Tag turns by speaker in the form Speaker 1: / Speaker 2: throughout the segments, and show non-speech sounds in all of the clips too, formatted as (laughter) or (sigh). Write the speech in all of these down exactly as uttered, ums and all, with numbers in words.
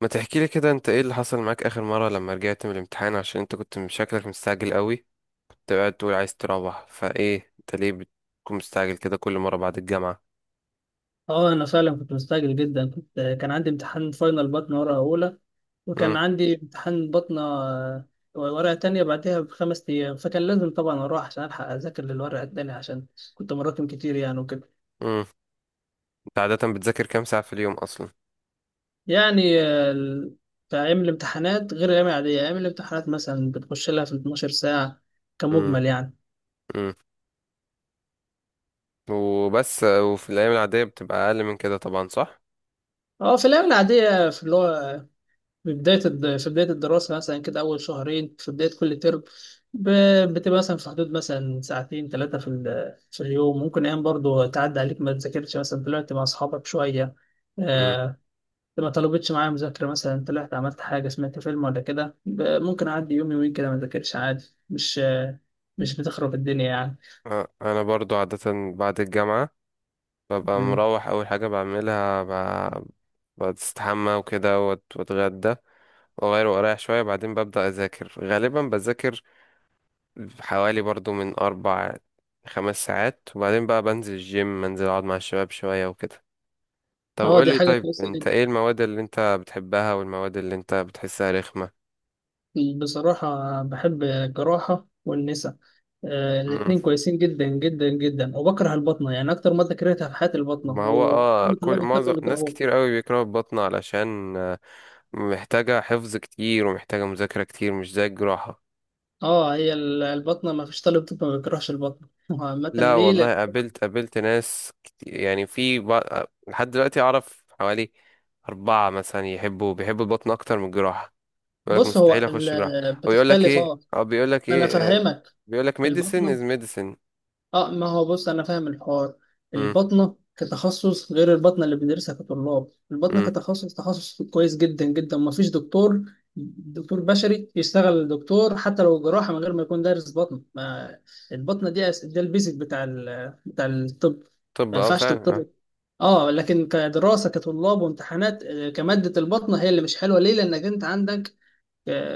Speaker 1: ما تحكي لي كده انت ايه اللي حصل معاك اخر مرة لما رجعت من الامتحان عشان انت كنت من شكلك مستعجل قوي؟ كنت قاعد تقول عايز تروح، فايه انت ليه بتكون مستعجل كده كل مرة بعد الجامعة؟
Speaker 2: اه انا فعلا كنت مستعجل جدا. كنت كان عندي امتحان فاينل بطنه ورقه اولى،
Speaker 1: امم،
Speaker 2: وكان عندي امتحان بطنه آه، ورقه تانية بعدها بخمس ايام، فكان لازم طبعا اروح عشان الحق اذاكر للورقه التانية، عشان كنت مراكم كتير يعني وكده.
Speaker 1: امم. انت عادة بتذاكر كام ساعة في اليوم اصلا؟
Speaker 2: يعني آه، ال- في ايام الامتحانات غير الايام العاديه، ايام الامتحانات مثلا بتخش لها في اتناشر ساعة ساعه
Speaker 1: امم،
Speaker 2: كمجمل يعني.
Speaker 1: امم. وبس وفي الايام العادية بتبقى اقل من كده طبعا، صح؟
Speaker 2: اه في الايام العاديه، في اللغه، في بداية الد- في بداية الدراسة مثلا كده أول شهرين في بداية كل ترم، ب- بتبقى مثلا في حدود مثلا ساعتين ثلاثة في ال- في اليوم، ممكن أيام برضو تعدي عليك ما تذاكرش، مثلا طلعت مع أصحابك شوية،
Speaker 1: امم.
Speaker 2: آه، ما طلبتش معايا مذاكرة، مثلا طلعت عملت حاجة سمعت فيلم ولا كده، ب- ممكن أعدي يوم يومين كده ما ذاكرش عادي، مش آه، مش بتخرب الدنيا يعني.
Speaker 1: اه، انا برضو عادة بعد الجامعة ببقى
Speaker 2: مم.
Speaker 1: مروح، اول حاجة بعملها ب- بستحمى وكده، وات- واتغدى واغير واريح شوية، بعدين ببدأ اذاكر، غالبا بذاكر حوالي برضو من أربع خمس ساعات، وبعدين بقى بنزل الجيم منزل، أقعد مع الشباب شوية وكده. طب
Speaker 2: اه دي
Speaker 1: قولي،
Speaker 2: حاجة
Speaker 1: طيب
Speaker 2: كويسة
Speaker 1: أنت
Speaker 2: جدا.
Speaker 1: إيه المواد اللي أنت بتحبها والمواد اللي أنت بتحسها رخمة؟
Speaker 2: بصراحة بحب الجراحة والنساء، آه،
Speaker 1: مم.
Speaker 2: الاتنين كويسين جدا جدا جدا، وبكره البطنة، يعني أكتر مادة كرهتها في حياتي البطنة،
Speaker 1: ما هو اه
Speaker 2: وكل
Speaker 1: كل
Speaker 2: طلاب
Speaker 1: معظم
Speaker 2: الطب
Speaker 1: ناس
Speaker 2: بيكرهوها.
Speaker 1: كتير قوي بيكرهوا البطنة علشان آه، محتاجة حفظ كتير ومحتاجة مذاكرة كتير، مش زي الجراحة.
Speaker 2: اه هي ال- البطنة ما فيش طالب طب ما بيكرهش البطنة (laughs) عامة.
Speaker 1: لا
Speaker 2: ليه؟
Speaker 1: والله،
Speaker 2: لأن
Speaker 1: قابلت قابلت ناس كتير يعني، في بق- لحد دلوقتي أعرف حوالي أربعة مثلا يحبوا بيحبوا البطن أكتر من الجراحة. بيقول لك
Speaker 2: بص
Speaker 1: مستحيل
Speaker 2: هو
Speaker 1: اخش جراحة،
Speaker 2: ال-
Speaker 1: او بيقول لك
Speaker 2: بتختلف.
Speaker 1: ايه
Speaker 2: اه
Speaker 1: او بيقول لك
Speaker 2: أنا
Speaker 1: ايه،
Speaker 2: فاهمك.
Speaker 1: بيقول لك ميديسن
Speaker 2: البطنة،
Speaker 1: از ميديسن.
Speaker 2: اه ما هو بص انا فاهم الحوار،
Speaker 1: امم،
Speaker 2: البطنه كتخصص غير البطنه اللي بندرسها كطلاب. البطنه
Speaker 1: امم.
Speaker 2: كتخصص تخصص كويس جدا جدا، ما فيش دكتور دكتور بشري يشتغل دكتور حتى لو جراحه من غير ما يكون دارس بطن. ما البطنه دي أس- ده البيزك بتاع ال... بتاع الطب،
Speaker 1: طب،
Speaker 2: ما
Speaker 1: اه
Speaker 2: ينفعش
Speaker 1: فعلا، اه.
Speaker 2: دكتور. اه لكن كدراسه كطلاب وامتحانات، آه، كماده البطنه هي اللي مش حلوه. ليه؟ لانك انت عندك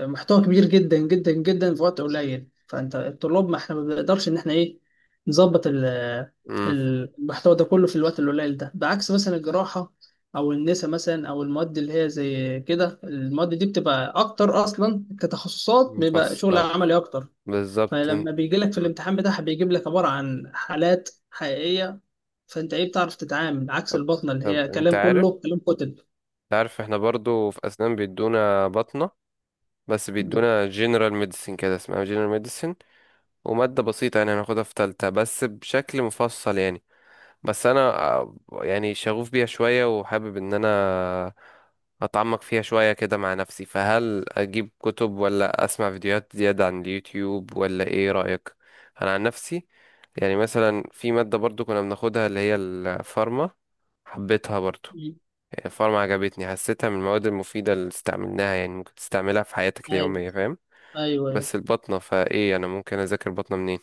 Speaker 2: محتوى كبير جدا جدا جدا في وقت قليل، فانت الطلاب، ما احنا ما بنقدرش ان احنا ايه نظبط ال-
Speaker 1: امم.
Speaker 2: المحتوى ده كله في الوقت القليل ده، بعكس مثلا الجراحة او النساء مثلا، او المواد اللي هي زي كده، المواد دي بتبقى اكتر اصلا كتخصصات، بيبقى شغل
Speaker 1: مفصل،
Speaker 2: عملي اكتر،
Speaker 1: بالظبط ان-
Speaker 2: فلما بيجي لك في
Speaker 1: مم.
Speaker 2: الامتحان بتاعها بيجيب لك عبارة عن حالات حقيقية، فانت ايه بتعرف تتعامل، عكس
Speaker 1: طب،
Speaker 2: البطنة اللي
Speaker 1: طب
Speaker 2: هي
Speaker 1: انت
Speaker 2: كلام،
Speaker 1: عارف
Speaker 2: كله كلام كتب.
Speaker 1: انت عارف احنا برضو في اسنان بيدونا بطنة، بس
Speaker 2: م-
Speaker 1: بيدونا جنرال ميديسن، كده اسمها جنرال ميديسن، ومادة بسيطة يعني، هناخدها في تالتة بس بشكل مفصل يعني. بس انا، آه، يعني شغوف بيها شوية، وحابب ان انا أتعمق فيها شوية كده مع نفسي، فهل أجيب كتب ولا أسمع فيديوهات زيادة عن اليوتيوب ولا إيه رأيك؟ أنا عن نفسي يعني مثلا، في مادة برضو كنا بناخدها اللي هي الفارما، حبيتها برضو،
Speaker 2: م-
Speaker 1: يعني الفارما عجبتني، حسيتها من المواد المفيدة اللي استعملناها يعني، ممكن تستعملها في حياتك
Speaker 2: ايوه
Speaker 1: اليومية، فاهم؟
Speaker 2: ايوه.
Speaker 1: بس البطنة، فإيه أنا ممكن أذاكر بطنة منين؟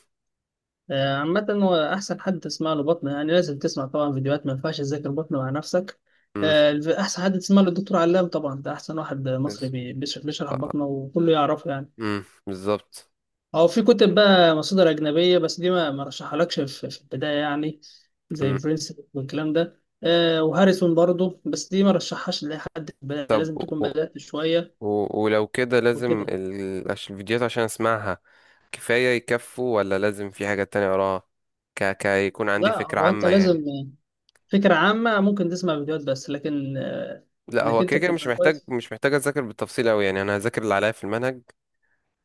Speaker 2: آه، عامة هو أحسن حد تسمع له بطنه، يعني لازم تسمع طبعا فيديوهات، ما ينفعش تذاكر بطنه مع نفسك.
Speaker 1: مم.
Speaker 2: آه، الف- أحسن حد تسمع له الدكتور علام طبعا، ده أحسن واحد
Speaker 1: بز-
Speaker 2: مصري بي- بيش- بيشرح بطنه، وكله يعرفه يعني.
Speaker 1: مم. بالظبط.
Speaker 2: أو في كتب بقى، مصادر أجنبية، بس دي ما ما رشحهالكش في في البداية يعني، زي
Speaker 1: مم.
Speaker 2: برنس والكلام ده، آه، وهاريسون برضه، بس دي ما رشحهاش لأي حد في البداية،
Speaker 1: طب،
Speaker 2: لازم تكون
Speaker 1: و... و...
Speaker 2: بدأت شوية
Speaker 1: و- ولو كده، لازم
Speaker 2: وكده.
Speaker 1: ال... عش- الفيديوهات عشان أسمعها كفاية، يكفوا ولا لازم في حاجة تانية وراها؟ ك... ك يكون عندي
Speaker 2: لا
Speaker 1: فكرة
Speaker 2: هو أنت
Speaker 1: عامة
Speaker 2: لازم
Speaker 1: يعني.
Speaker 2: فكرة عامة، ممكن تسمع فيديوهات بس، لكن آه،
Speaker 1: لا،
Speaker 2: إنك
Speaker 1: هو
Speaker 2: أنت
Speaker 1: كده كده مش
Speaker 2: تبقى
Speaker 1: محتاج
Speaker 2: كويس.
Speaker 1: مش محتاج أذاكر بالتفصيل أوي يعني، أنا هذاكر اللي عليا في المنهج،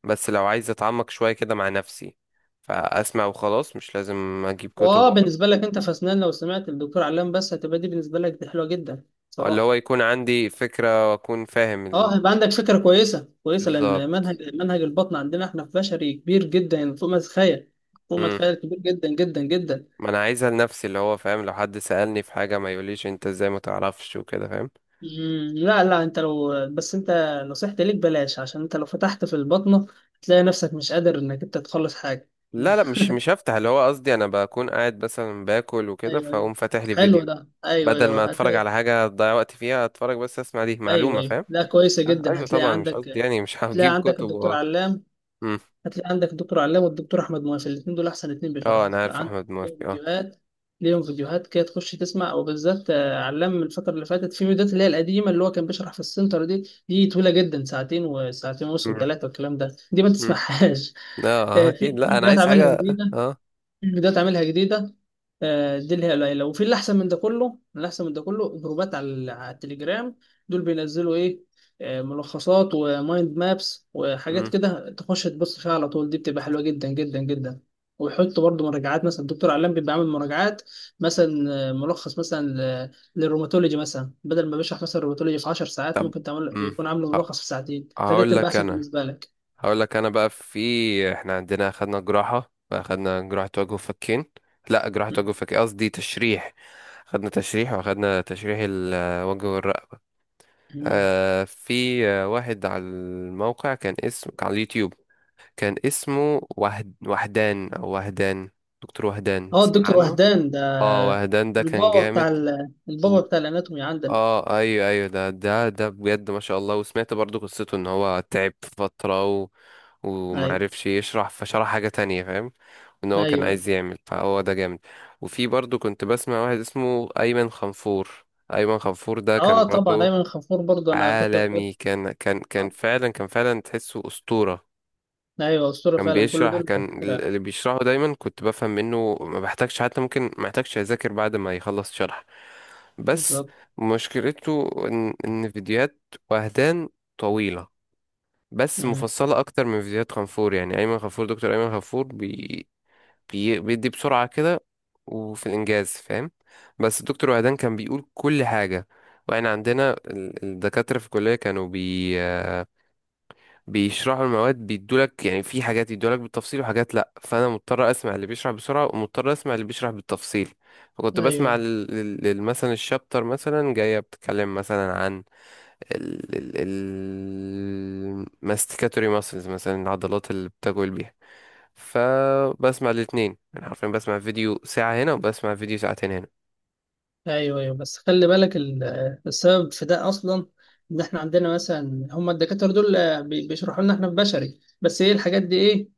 Speaker 1: بس لو عايز أتعمق شوية كده مع نفسي، فأسمع وخلاص، مش لازم أجيب كتب
Speaker 2: واه
Speaker 1: وأقرا،
Speaker 2: بالنسبة لك انت في اسنان، لو سمعت الدكتور علام بس هتبقى، دي بالنسبة لك دي حلوة جدا
Speaker 1: اللي هو
Speaker 2: صراحة.
Speaker 1: يكون عندي فكرة، وأكون فاهم
Speaker 2: اه هيبقى
Speaker 1: الدنيا
Speaker 2: عندك
Speaker 1: دي.
Speaker 2: فكرة كويسة كويسة، لان
Speaker 1: بالظبط.
Speaker 2: منهج منهج البطن عندنا احنا في بشري كبير جدا، يعني فوق ما تتخيل، فوق ما
Speaker 1: مم.
Speaker 2: تتخيل، كبير جدا جدا جدا.
Speaker 1: ما أنا عايزها لنفسي، اللي هو فاهم، لو حد سألني في حاجة ما يقوليش أنت إزاي ما تعرفش وكده، فاهم.
Speaker 2: مم، لا لا. انت لو بس انت، نصيحتي ليك بلاش، عشان انت لو فتحت في البطنة هتلاقي نفسك مش قادر انك انت تخلص حاجة.
Speaker 1: لا لا،
Speaker 2: (laughs)
Speaker 1: مش مش هفتح، اللي هو قصدي أنا بكون قاعد مثلا باكل وكده،
Speaker 2: ايوه ايوه،
Speaker 1: فأقوم فاتح لي
Speaker 2: حلو
Speaker 1: فيديو،
Speaker 2: ده. ايوه
Speaker 1: بدل ما
Speaker 2: ايوه
Speaker 1: اتفرج
Speaker 2: هتلاقي.
Speaker 1: على حاجة اضيع وقت فيها، اتفرج بس اسمع، دي
Speaker 2: ايوه
Speaker 1: معلومة،
Speaker 2: ايوه،
Speaker 1: فاهم.
Speaker 2: لا كويسة
Speaker 1: آه،
Speaker 2: جدا،
Speaker 1: ايوه
Speaker 2: هتلاقي
Speaker 1: طبعا، مش قصدي
Speaker 2: عندك،
Speaker 1: يعني مش (laughs) هجيب
Speaker 2: تلاقي عندك
Speaker 1: كتب
Speaker 2: الدكتور
Speaker 1: و...
Speaker 2: علام،
Speaker 1: مم.
Speaker 2: هتلاقي عندك الدكتور علام والدكتور احمد مواسي، الاثنين دول احسن اثنين
Speaker 1: اه
Speaker 2: بيشرحوا
Speaker 1: انا عارف
Speaker 2: عندك،
Speaker 1: احمد
Speaker 2: ليهم
Speaker 1: موفي، اه.
Speaker 2: فيديوهات، ليهم فيديوهات كده تخش تسمع. او بالذات آه، علام الفتره اللي فاتت في فيديوهات اللي هي القديمه، اللي هو كان بيشرح في السنتر دي. دي طويله جدا، ساعتين وساعتين ونص
Speaker 1: مم.
Speaker 2: وثلاثه والكلام ده، دي ما
Speaker 1: مم.
Speaker 2: تسمعهاش.
Speaker 1: اه،
Speaker 2: (laughs)
Speaker 1: آه،
Speaker 2: آه، في
Speaker 1: اكيد،
Speaker 2: في
Speaker 1: لا انا
Speaker 2: فيديوهات
Speaker 1: عايز
Speaker 2: عاملها
Speaker 1: حاجة.
Speaker 2: جديده،
Speaker 1: اه.
Speaker 2: في فيديوهات عاملها جديده، آه، دي اللي هي قليله. وفي اللي احسن من ده كله، اللي احسن من ده كله جروبات على ال- على التليجرام، دول بينزلوا ايه، آه، ملخصات ومايند مابس وحاجات
Speaker 1: مم.
Speaker 2: كده، تخش تبص فيها على طول، دي بتبقى حلوه جدا جدا جدا. ويحط برضه مراجعات، مثلا الدكتور علام بيبقى عامل مراجعات مثلا، آه، ملخص مثلا آه، للروماتولوجي مثلا، بدل ما بيشرح مثلا الروماتولوجي في 10 ساعات،
Speaker 1: طب.
Speaker 2: ممكن تعمل
Speaker 1: مم.
Speaker 2: يكون عامله ملخص في ساعتين، فده
Speaker 1: هقول
Speaker 2: تبقى
Speaker 1: لك
Speaker 2: احسن
Speaker 1: انا
Speaker 2: بالنسبه لك.
Speaker 1: هقول لك انا بقى، في احنا عندنا، خدنا جراحة اخدنا جراحة وجه وفكين، لا جراحة وجه وفكين قصدي تشريح، خدنا تشريح واخدنا تشريح الوجه والرقبة. آه في آه، واحد على الموقع كان اسمه، كان على اليوتيوب، كان اسمه وهد... وهدان او وهدان، دكتور وهدان
Speaker 2: هو
Speaker 1: تسمع
Speaker 2: الدكتور
Speaker 1: عنه؟
Speaker 2: وهدان ده
Speaker 1: اه، وهدان ده كان
Speaker 2: البابا بتاع
Speaker 1: جامد
Speaker 2: ال- البابا
Speaker 1: و...
Speaker 2: بتاع الاناتومي عندنا.
Speaker 1: اه، ايوه، ايوه، ده ده ده بجد ما شاء الله، وسمعت برضو قصته ان هو تعب في فترة و...
Speaker 2: ايوه
Speaker 1: ومعرفش يشرح، فشرح حاجة تانية، فاهم، ان
Speaker 2: ايوه
Speaker 1: هو كان
Speaker 2: ايوه.
Speaker 1: عايز يعمل، فهو ده جامد. وفي برضو كنت بسمع واحد اسمه ايمن خنفور، ايمن خنفور ده
Speaker 2: اه
Speaker 1: كان
Speaker 2: طبعا
Speaker 1: برضو
Speaker 2: ايمن خفور برضه انا كنت بحب.
Speaker 1: عالمي، كان كان كان
Speaker 2: آه.
Speaker 1: فعلا كان فعلا تحسه أسطورة،
Speaker 2: ايوه اسطوره
Speaker 1: كان
Speaker 2: فعلا، كل
Speaker 1: بيشرح
Speaker 2: دول
Speaker 1: كان ال-
Speaker 2: دكاتره.
Speaker 1: اللي بيشرحه دايما كنت بفهم منه، ما بحتاجش، حتى ممكن ما احتاجش اذاكر بعد ما يخلص شرح. بس
Speaker 2: بالظبط.
Speaker 1: مشكلته ان ان فيديوهات وهدان طويلة، بس
Speaker 2: مم.
Speaker 1: مفصلة اكتر من فيديوهات غفور، يعني ايمن غفور دكتور ايمن غفور بي بي بيدي بسرعة كده، وفي الانجاز، فاهم. بس الدكتور وهدان كان بيقول كل حاجة. واحنا عندنا ال- الدكاترة في الكلية، كانوا بي بيشرحوا المواد، بيدولك يعني، في حاجات يدولك بالتفصيل وحاجات لا، فانا مضطر اسمع اللي بيشرح بسرعه، ومضطر اسمع اللي بيشرح بالتفصيل. فكنت
Speaker 2: ايوه
Speaker 1: بسمع ال- ال- ال- مثلا الشابتر مثلا جايه بتتكلم مثلا عن الماستيكاتوري ماسلز مثلا، العضلات اللي بتجول بيها، فبسمع الاثنين، انا حرفيا بسمع فيديو ساعه هنا وبسمع فيديو ساعتين هنا.
Speaker 2: ايوه ايوه. بس خلي بالك ال- السبب في ده اصلا، ان احنا عندنا مثلا هم الدكاتره دول، آه، بي- بيشرحوا لنا احنا في بشري بس، ايه الحاجات دي ايه،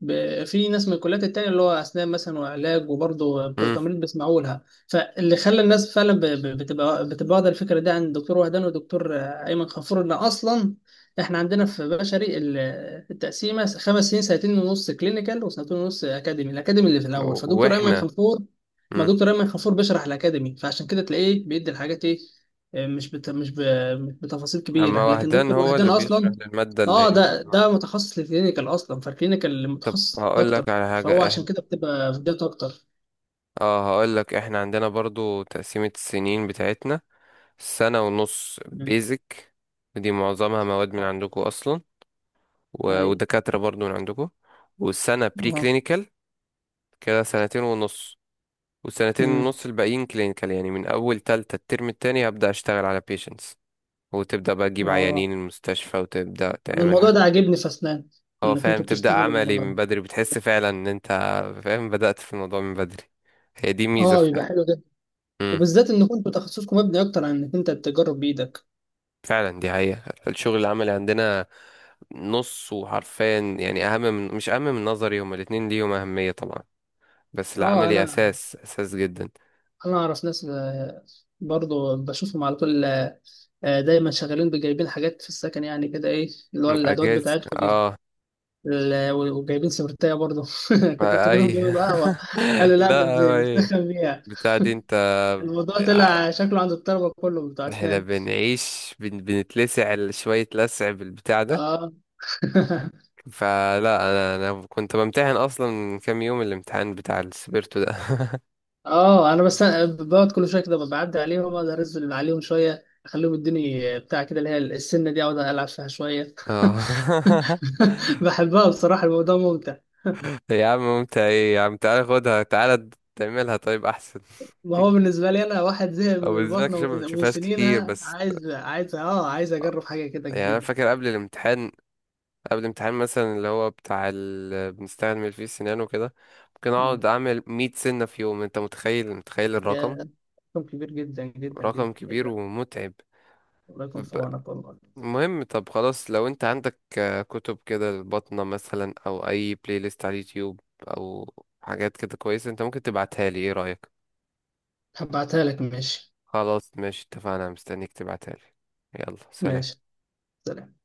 Speaker 2: ب- في ناس من الكليات التانية اللي هو أسنان مثلا وعلاج وبرضه بتوع
Speaker 1: امم.
Speaker 2: تمريض بيسمعوا لها، فاللي خلى الناس فعلا ب- ب- بتبقى بتبقى واخدة الفكرة دي عن الدكتور وهدان والدكتور أيمن غفور، إن أصلا إحنا عندنا في بشري ال- التقسيمة خمس سنين، سنتين ونص كلينيكال وسنتين ونص أكاديمي، الأكاديمي اللي في الأول، فدكتور أيمن
Speaker 1: واحنا.
Speaker 2: غفور، ما
Speaker 1: امم.
Speaker 2: دكتور أيمن غفور بيشرح الأكاديمي، فعشان كده تلاقيه بيدي الحاجات إيه، مش بت... مش ب... مش بتفاصيل
Speaker 1: اما
Speaker 2: كبيرة، لكن
Speaker 1: وهدان
Speaker 2: دكتور
Speaker 1: هو
Speaker 2: وهدان
Speaker 1: اللي بيشرح
Speaker 2: أصلا،
Speaker 1: للماده اللي هي.
Speaker 2: اه ده ده متخصص للكلينيكال اصلا، فالكلينيكال
Speaker 1: طب
Speaker 2: متخصص
Speaker 1: هقول لك
Speaker 2: اكتر،
Speaker 1: على حاجة،
Speaker 2: فهو عشان كده بتبقى في ديت اكتر.
Speaker 1: اه، هقول لك احنا عندنا برضو تقسيمة السنين بتاعتنا، سنة ونص
Speaker 2: مم.
Speaker 1: بيزك، ودي معظمها مواد من
Speaker 2: آه.
Speaker 1: عندكم اصلا، و-
Speaker 2: ايوه.
Speaker 1: ودكاترة برضو من عندكم، والسنة بري
Speaker 2: اه.
Speaker 1: كلينيكال كده، سنتين ونص، والسنتين
Speaker 2: مم.
Speaker 1: ونص الباقيين كلينيكال، يعني من اول تالتة الترم التاني هبدأ اشتغل على بيشنتس، وتبدأ بقى تجيب
Speaker 2: اه
Speaker 1: عيانين المستشفى وتبدأ
Speaker 2: انا
Speaker 1: تعمل
Speaker 2: الموضوع
Speaker 1: حاجة،
Speaker 2: ده عاجبني في اسنان،
Speaker 1: هو
Speaker 2: ان
Speaker 1: فاهم،
Speaker 2: كنتوا
Speaker 1: تبدأ
Speaker 2: بتشتغلوا،
Speaker 1: عملي من بدري، بتحس فعلا ان انت فاهم بدأت في الموضوع من بدري، هي دي ميزة.
Speaker 2: اه بيبقى حلو جدا، وبالذات ان كنتوا تخصصكم مبني اكتر عن انك انت تجرب بايدك.
Speaker 1: فعلا دي حقيقة، الشغل العملي عندنا نص، وحرفيا يعني، أهم من مش أهم من نظري، هما الاتنين ليهم أهمية طبعا، بس
Speaker 2: اه
Speaker 1: العملي
Speaker 2: انا
Speaker 1: أساس، أساس جدا.
Speaker 2: انا اعرف ناس، آه، برضو بشوفهم على طول، آه، آه، دايما شغالين بجايبين حاجات في السكن، يعني كده ايه اللي هو الادوات
Speaker 1: أجازة.
Speaker 2: بتاعتكم دي،
Speaker 1: اه.
Speaker 2: ال- وجايبين سبرتايه برضه. (laughs) كنت
Speaker 1: ما
Speaker 2: افتكرهم
Speaker 1: أي. (laughs)
Speaker 2: بيعملوا قهوه، قالوا لا ده
Speaker 1: لا، هو
Speaker 2: بن-
Speaker 1: إيه
Speaker 2: بنسخن بيها.
Speaker 1: بتاع دي أنت؟
Speaker 2: الموضوع
Speaker 1: ع-
Speaker 2: طلع شكله عند الطلبه كله بتوع
Speaker 1: احنا
Speaker 2: اسنان.
Speaker 1: بنعيش، بن... بنتلسع شوية لسع بالبتاع ده،
Speaker 2: اه. (laughs)
Speaker 1: فلا. أنا أنا كنت بمتحن أصلا من كام يوم الامتحان بتاع السبيرتو ده.
Speaker 2: اه انا بس بقعد كل شويه كده، بعدي عليهم اقدر انزل عليهم شويه، اخليهم يدوني بتاع كده اللي هي السنه دي، اقعد العب فيها شويه.
Speaker 1: (laughs) اه. (laughs)
Speaker 2: (laughs) بحبها بصراحه، الموضوع ممتع.
Speaker 1: يا عم ممتع ايه، يا عم تعالى خدها، تعالى تعملها طيب احسن.
Speaker 2: ما هو
Speaker 1: (laughs)
Speaker 2: بالنسبه لي انا واحد زهق
Speaker 1: او
Speaker 2: من
Speaker 1: بالنسبه لك
Speaker 2: البطنه
Speaker 1: عشان ما
Speaker 2: ومن ومن
Speaker 1: بتشوفهاش كتير،
Speaker 2: سنينها،
Speaker 1: بس
Speaker 2: عايز عايز اه عايز اجرب حاجه كده
Speaker 1: يعني انا
Speaker 2: جديده.
Speaker 1: فاكر قبل الامتحان، قبل الامتحان مثلا اللي هو بتاع ال... بنستعمل فيه السنان وكده، ممكن
Speaker 2: مم.
Speaker 1: اقعد اعمل مئة سنه في يوم، انت متخيل، متخيل
Speaker 2: يا
Speaker 1: الرقم،
Speaker 2: رقم كبير جدا جدا
Speaker 1: رقم
Speaker 2: جدا، ايه
Speaker 1: كبير
Speaker 2: ده.
Speaker 1: ومتعب.
Speaker 2: الله يكون في
Speaker 1: ب-
Speaker 2: عونك والله.
Speaker 1: المهم. طب خلاص، لو انت عندك، آه، كتب كده البطنة مثلا، او اي بلاي ليست على اليوتيوب، او حاجات كده كويسه، انت ممكن تبعتها لي، ايه رايك؟
Speaker 2: هبعتها لك ماشي.
Speaker 1: خلاص ماشي، اتفقنا، مستنيك تبعتها لي. يلا سلام.
Speaker 2: ماشي، سلام.